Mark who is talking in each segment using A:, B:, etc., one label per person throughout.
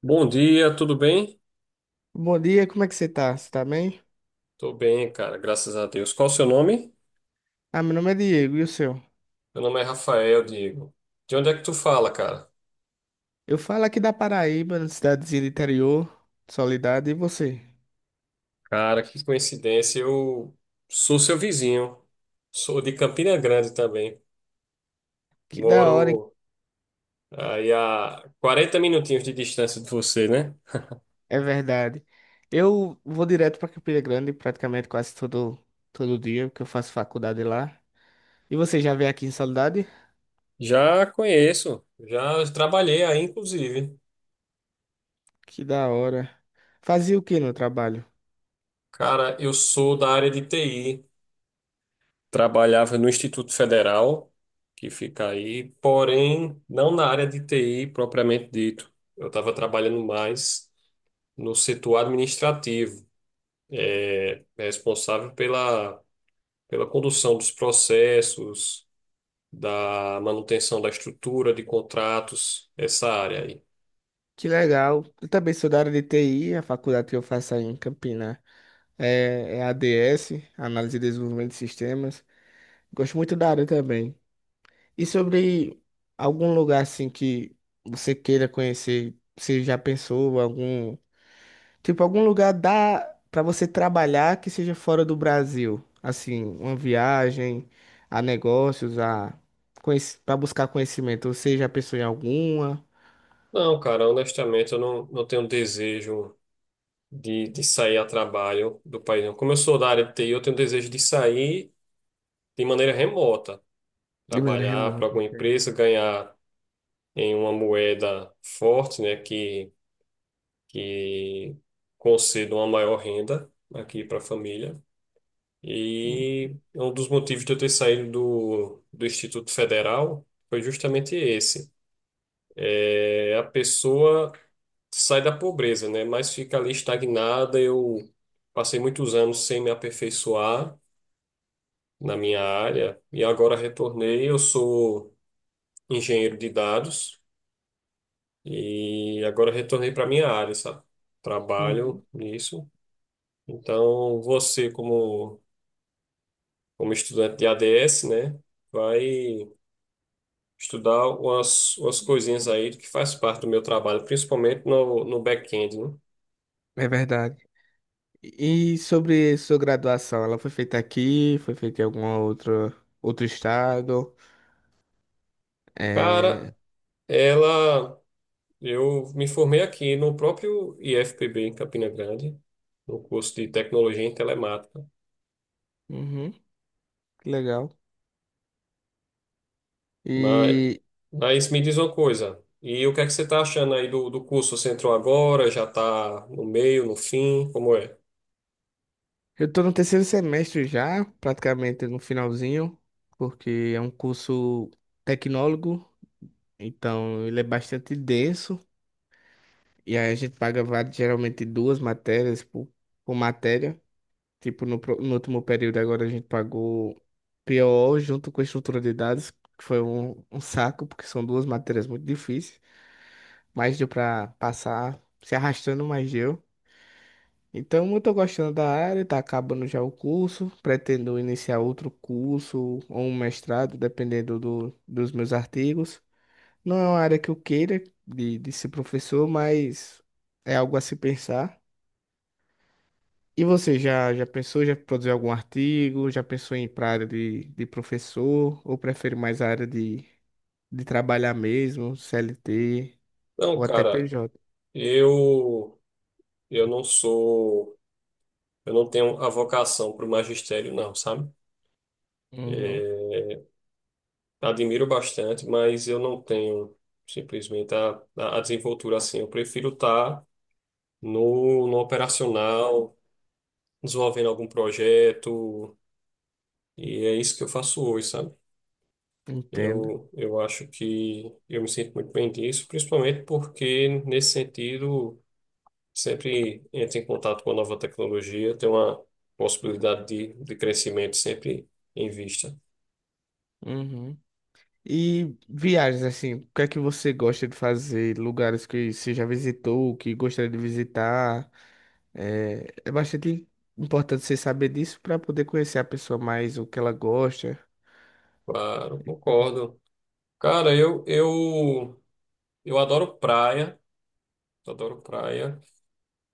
A: Bom dia, tudo bem?
B: Bom dia, como é que você tá? Você tá bem?
A: Tô bem, cara, graças a Deus. Qual o seu nome?
B: Meu nome é Diego, e o seu?
A: Meu nome é Rafael, Diego. De onde é que tu fala, cara?
B: Eu falo aqui da Paraíba, na cidadezinha do interior, Soledade, e você?
A: Cara, que coincidência, eu sou seu vizinho. Sou de Campina Grande também.
B: Que da hora, hein?
A: Moro aí a 40 minutinhos de distância de você, né?
B: É verdade. Eu vou direto pra Campina Grande praticamente quase todo dia, porque eu faço faculdade lá. E você já veio aqui em Soledade?
A: Já conheço, já trabalhei aí, inclusive.
B: Que da hora. Fazia o que no trabalho?
A: Cara, eu sou da área de TI. Trabalhava no Instituto Federal, que fica aí, porém não na área de TI propriamente dito. Eu estava trabalhando mais no setor administrativo, responsável pela condução dos processos, da manutenção da estrutura de contratos, essa área aí.
B: Que legal. Eu também sou da área de TI. A faculdade que eu faço aí em Campina é, ADS, Análise e Desenvolvimento de Sistemas. Gosto muito da área também. E sobre algum lugar assim que você queira conhecer, você já pensou algum, tipo algum lugar dá para você trabalhar que seja fora do Brasil, assim, uma viagem a negócios, a para buscar conhecimento. Você já pensou em alguma
A: Não, cara, honestamente, eu não tenho desejo de sair a trabalho do país. Não. Como eu sou da área de TI, eu tenho desejo de sair de maneira remota.
B: de maneira
A: Trabalhar para
B: remota?
A: alguma
B: Entende?
A: empresa, ganhar em uma moeda forte, né, que conceda uma maior renda aqui para a família.
B: Hum,
A: E um dos motivos de eu ter saído do Instituto Federal foi justamente esse. É, a pessoa sai da pobreza, né, mas fica ali estagnada. Eu passei muitos anos sem me aperfeiçoar na minha área e agora retornei. Eu sou engenheiro de dados. E agora eu retornei para minha área, sabe?
B: uhum.
A: Trabalho nisso. Então, você, como, como estudante de ADS, né, vai estudar umas coisinhas aí que faz parte do meu trabalho, principalmente no back-end, né?
B: É verdade. E sobre sua graduação, ela foi feita aqui, foi feita em algum outro estado?
A: Cara,
B: É,
A: ela. Eu me formei aqui no próprio IFPB, em Campina Grande, no curso de Tecnologia em Telemática.
B: uhum, que legal.
A: Mas,
B: E
A: mas me diz uma coisa. E o que é que você está achando aí do curso? Você entrou agora, já está no meio, no fim? Como é?
B: eu tô no terceiro semestre já, praticamente no finalzinho, porque é um curso tecnólogo, então ele é bastante denso, e aí a gente paga va- geralmente duas matérias por matéria. Tipo, no, pro- no último período agora a gente pagou PO junto com estrutura de dados, que foi um saco, porque são duas matérias muito difíceis, mas deu pra passar se arrastando, mas deu. Então, eu tô gostando da área, tá acabando já o curso, pretendo iniciar outro curso ou um mestrado, dependendo dos meus artigos. Não é uma área que eu queira de ser professor, mas é algo a se pensar. E você já, já pensou, já produziu algum artigo? Já pensou em ir para área de professor? Ou prefere mais a área de trabalhar mesmo, CLT
A: Não,
B: ou até
A: cara,
B: PJ?
A: eu eu não sou, eu não tenho a vocação para o magistério, não, sabe?
B: Uhum,
A: É, admiro bastante, mas eu não tenho simplesmente a desenvoltura assim. Eu prefiro estar no operacional, desenvolvendo algum projeto, e é isso que eu faço hoje, sabe?
B: entendo.
A: Eu acho que eu me sinto muito bem disso, principalmente porque, nesse sentido, sempre entra em contato com a nova tecnologia, tem uma possibilidade de crescimento sempre em vista.
B: Uhum. E viagens, assim, o que é que você gosta de fazer? Lugares que você já visitou, que gostaria de visitar? É, é bastante importante você saber disso para poder conhecer a pessoa mais, o que ela gosta.
A: Claro, concordo. Cara, eu adoro praia, adoro praia.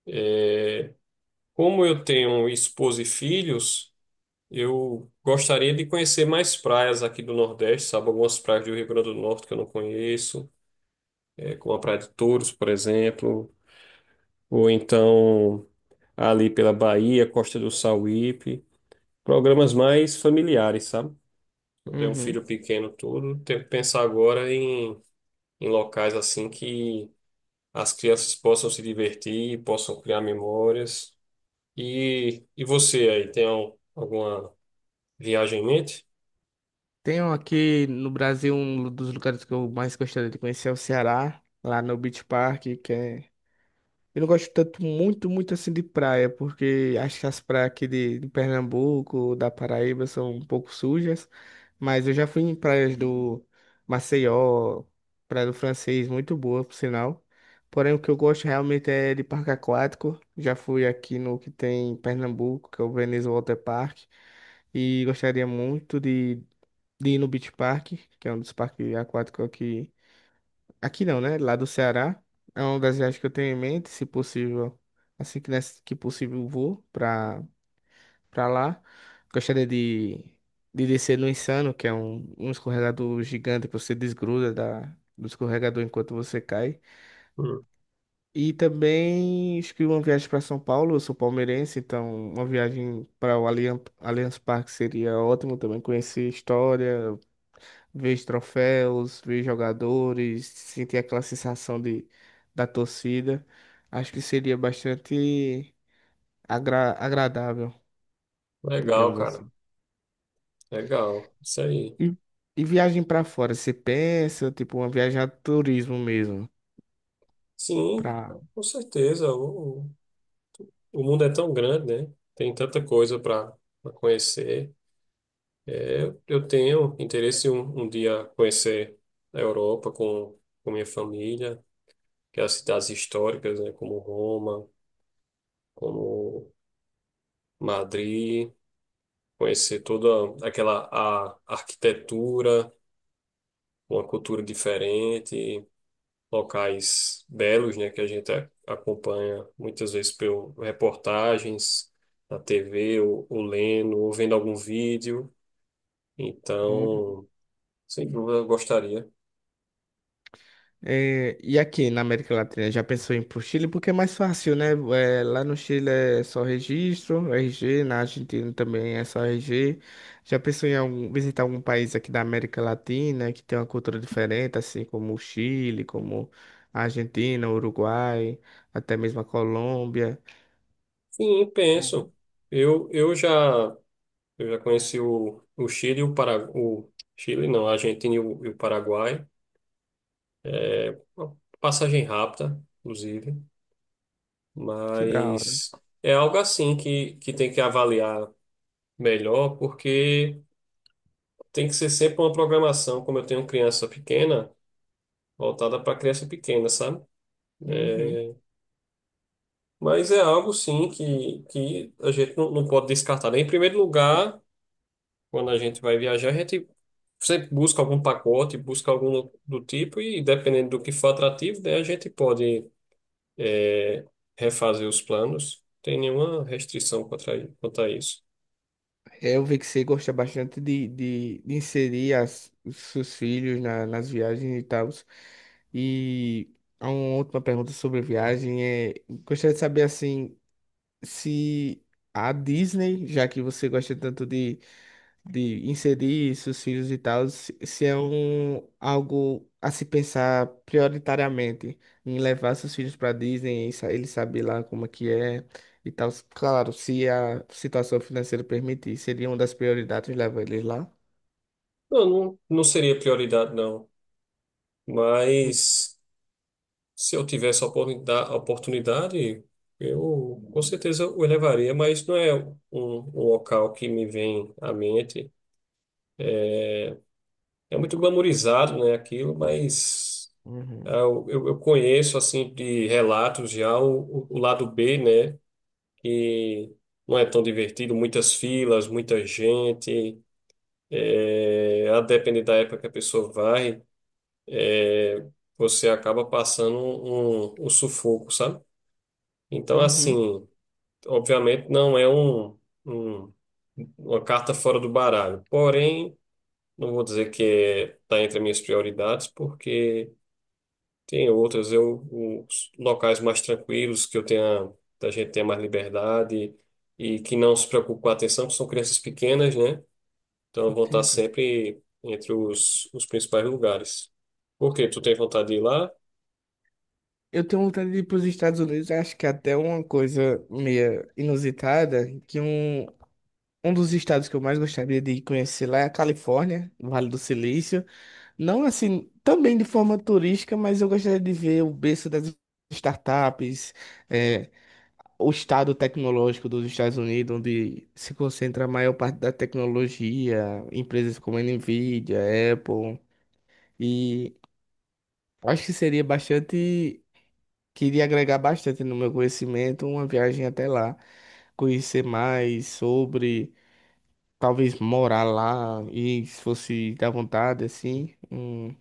A: É, como eu tenho esposa e filhos, eu gostaria de conhecer mais praias aqui do Nordeste, sabe? Algumas praias do Rio Grande do Norte que eu não conheço, é, como a Praia de Touros, por exemplo, ou então ali pela Bahia, Costa do Sauípe, programas mais familiares, sabe? Eu tenho um
B: Uhum.
A: filho pequeno todo, tenho que pensar agora em, em locais assim que as crianças possam se divertir, possam criar memórias. E você aí, tem alguma viagem em mente?
B: Tenho aqui no Brasil. Um dos lugares que eu mais gostaria de conhecer é o Ceará, lá no Beach Park, que é. Eu não gosto tanto, muito, muito assim de praia, porque acho que as praias aqui de Pernambuco, da Paraíba, são um pouco sujas. Mas eu já fui em praias do Maceió, Praia do Francês, muito boa, por sinal. Porém, o que eu gosto realmente é de parque aquático. Já fui aqui no que tem em Pernambuco, que é o Veneza Water Park. E gostaria muito de ir no Beach Park, que é um dos parques aquáticos aqui. Aqui não, né? Lá do Ceará. É uma das viagens que eu tenho em mente, se possível, assim que, nessa, que possível eu vou pra lá. Gostaria de descer no Insano, que é um escorregador gigante que você desgruda do escorregador enquanto você cai.
A: Hum,
B: E também acho que uma viagem para São Paulo, eu sou palmeirense, então uma viagem para o Allianz, Allianz Parque seria ótimo também conhecer história, ver os troféus, ver os jogadores, sentir aquela sensação da torcida. Acho que seria bastante agra- agradável,
A: legal,
B: digamos
A: cara.
B: assim.
A: Legal. Isso aí.
B: E, e viagem para fora, você pensa, tipo, uma viagem a turismo mesmo,
A: Sim,
B: para.
A: com certeza. O mundo é tão grande, né? Tem tanta coisa para conhecer. Eu tenho interesse em um, um dia conhecer a Europa com minha família, que é as cidades históricas, né? Como Roma, como Madrid, conhecer toda aquela a arquitetura, uma cultura diferente, locais belos, né? Que a gente acompanha muitas vezes por reportagens na TV, ou lendo, ou vendo algum vídeo. Então, sem dúvida, eu gostaria.
B: É, e aqui na América Latina, já pensou em ir pro Chile? Porque é mais fácil, né? É, lá no Chile é só registro, RG, na Argentina também é só RG. Já pensou em algum- visitar algum país aqui da América Latina que tem uma cultura diferente, assim como o Chile, como a Argentina, o Uruguai, até mesmo a Colômbia?
A: Sim,
B: Pô.
A: penso. Eu, eu já, eu já conheci o Chile, e o Para, o Chile, não, a Argentina e o Paraguai. Uma passagem rápida, inclusive.
B: Que da hora.
A: Mas é algo assim que tem que avaliar melhor, porque tem que ser sempre uma programação, como eu tenho criança pequena, voltada para criança pequena, sabe?
B: Uhum.
A: Mas é algo, sim, que a gente não pode descartar, né? Em primeiro lugar. Quando a gente vai viajar, a gente sempre busca algum pacote, busca algum do tipo, e dependendo do que for atrativo, daí a gente pode é, refazer os planos. Tem nenhuma restrição contra quanto a isso.
B: É, eu vi que você gosta bastante de inserir os seus filhos na- nas viagens e tal. E há uma última pergunta sobre viagem é, gostaria de saber assim, se a Disney, já que você gosta tanto de inserir seus filhos e tal, se é um, algo a se pensar prioritariamente em levar seus filhos para Disney, e sa- ele saber lá como é que é e tal. Claro, se a situação financeira permitir, seria uma das prioridades levar eles lá.
A: Não, não, não seria prioridade, não.
B: Hum.
A: Mas se eu tivesse a oportunidade, eu com certeza o elevaria, mas não é um, um local que me vem à mente. É muito glamourizado, né, aquilo, mas. Ah,
B: Uhum.
A: eu conheço, assim, de relatos já o lado B, né? Que não é tão divertido, muitas filas, muita gente. É, a depender da época que a pessoa vai, é, você acaba passando um, um sufoco, sabe? Então,
B: Uhum.
A: assim, obviamente não é um- uma carta fora do baralho. Porém, não vou dizer que está entre as minhas prioridades, porque tem outras, eu, os locais mais tranquilos, que eu tenha, da gente tenha mais liberdade e que não se preocupe com a atenção, que são crianças pequenas, né? Então vão estar
B: Entendo.
A: sempre entre os principais lugares. Por quê? Tu tem vontade de ir lá?
B: Eu tenho vontade de ir para os Estados Unidos, acho que é até uma coisa meio inusitada, que um dos estados que eu mais gostaria de conhecer lá é a Califórnia, Vale do Silício. Não assim, também de forma turística, mas eu gostaria de ver o berço das startups, eh, o estado tecnológico dos Estados Unidos, onde se concentra a maior parte da tecnologia, empresas como a Nvidia, Apple. E acho que seria bastante, queria agregar bastante no meu conhecimento uma viagem até lá conhecer mais sobre. Talvez morar lá e se fosse da vontade, assim,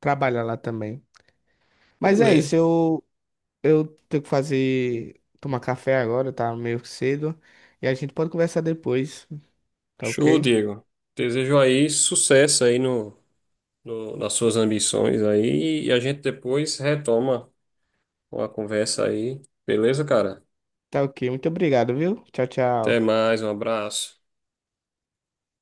B: trabalhar lá também. Mas é
A: Beleza.
B: isso, eu tenho que fazer, tomar café agora, tá meio cedo. E a gente pode conversar depois, tá
A: Show,
B: ok?
A: Diego. Desejo aí sucesso aí nas suas ambições aí e a gente depois retoma a conversa aí. Beleza, cara?
B: Tá ok, muito obrigado, viu? Tchau,
A: Até
B: tchau.
A: mais, um abraço.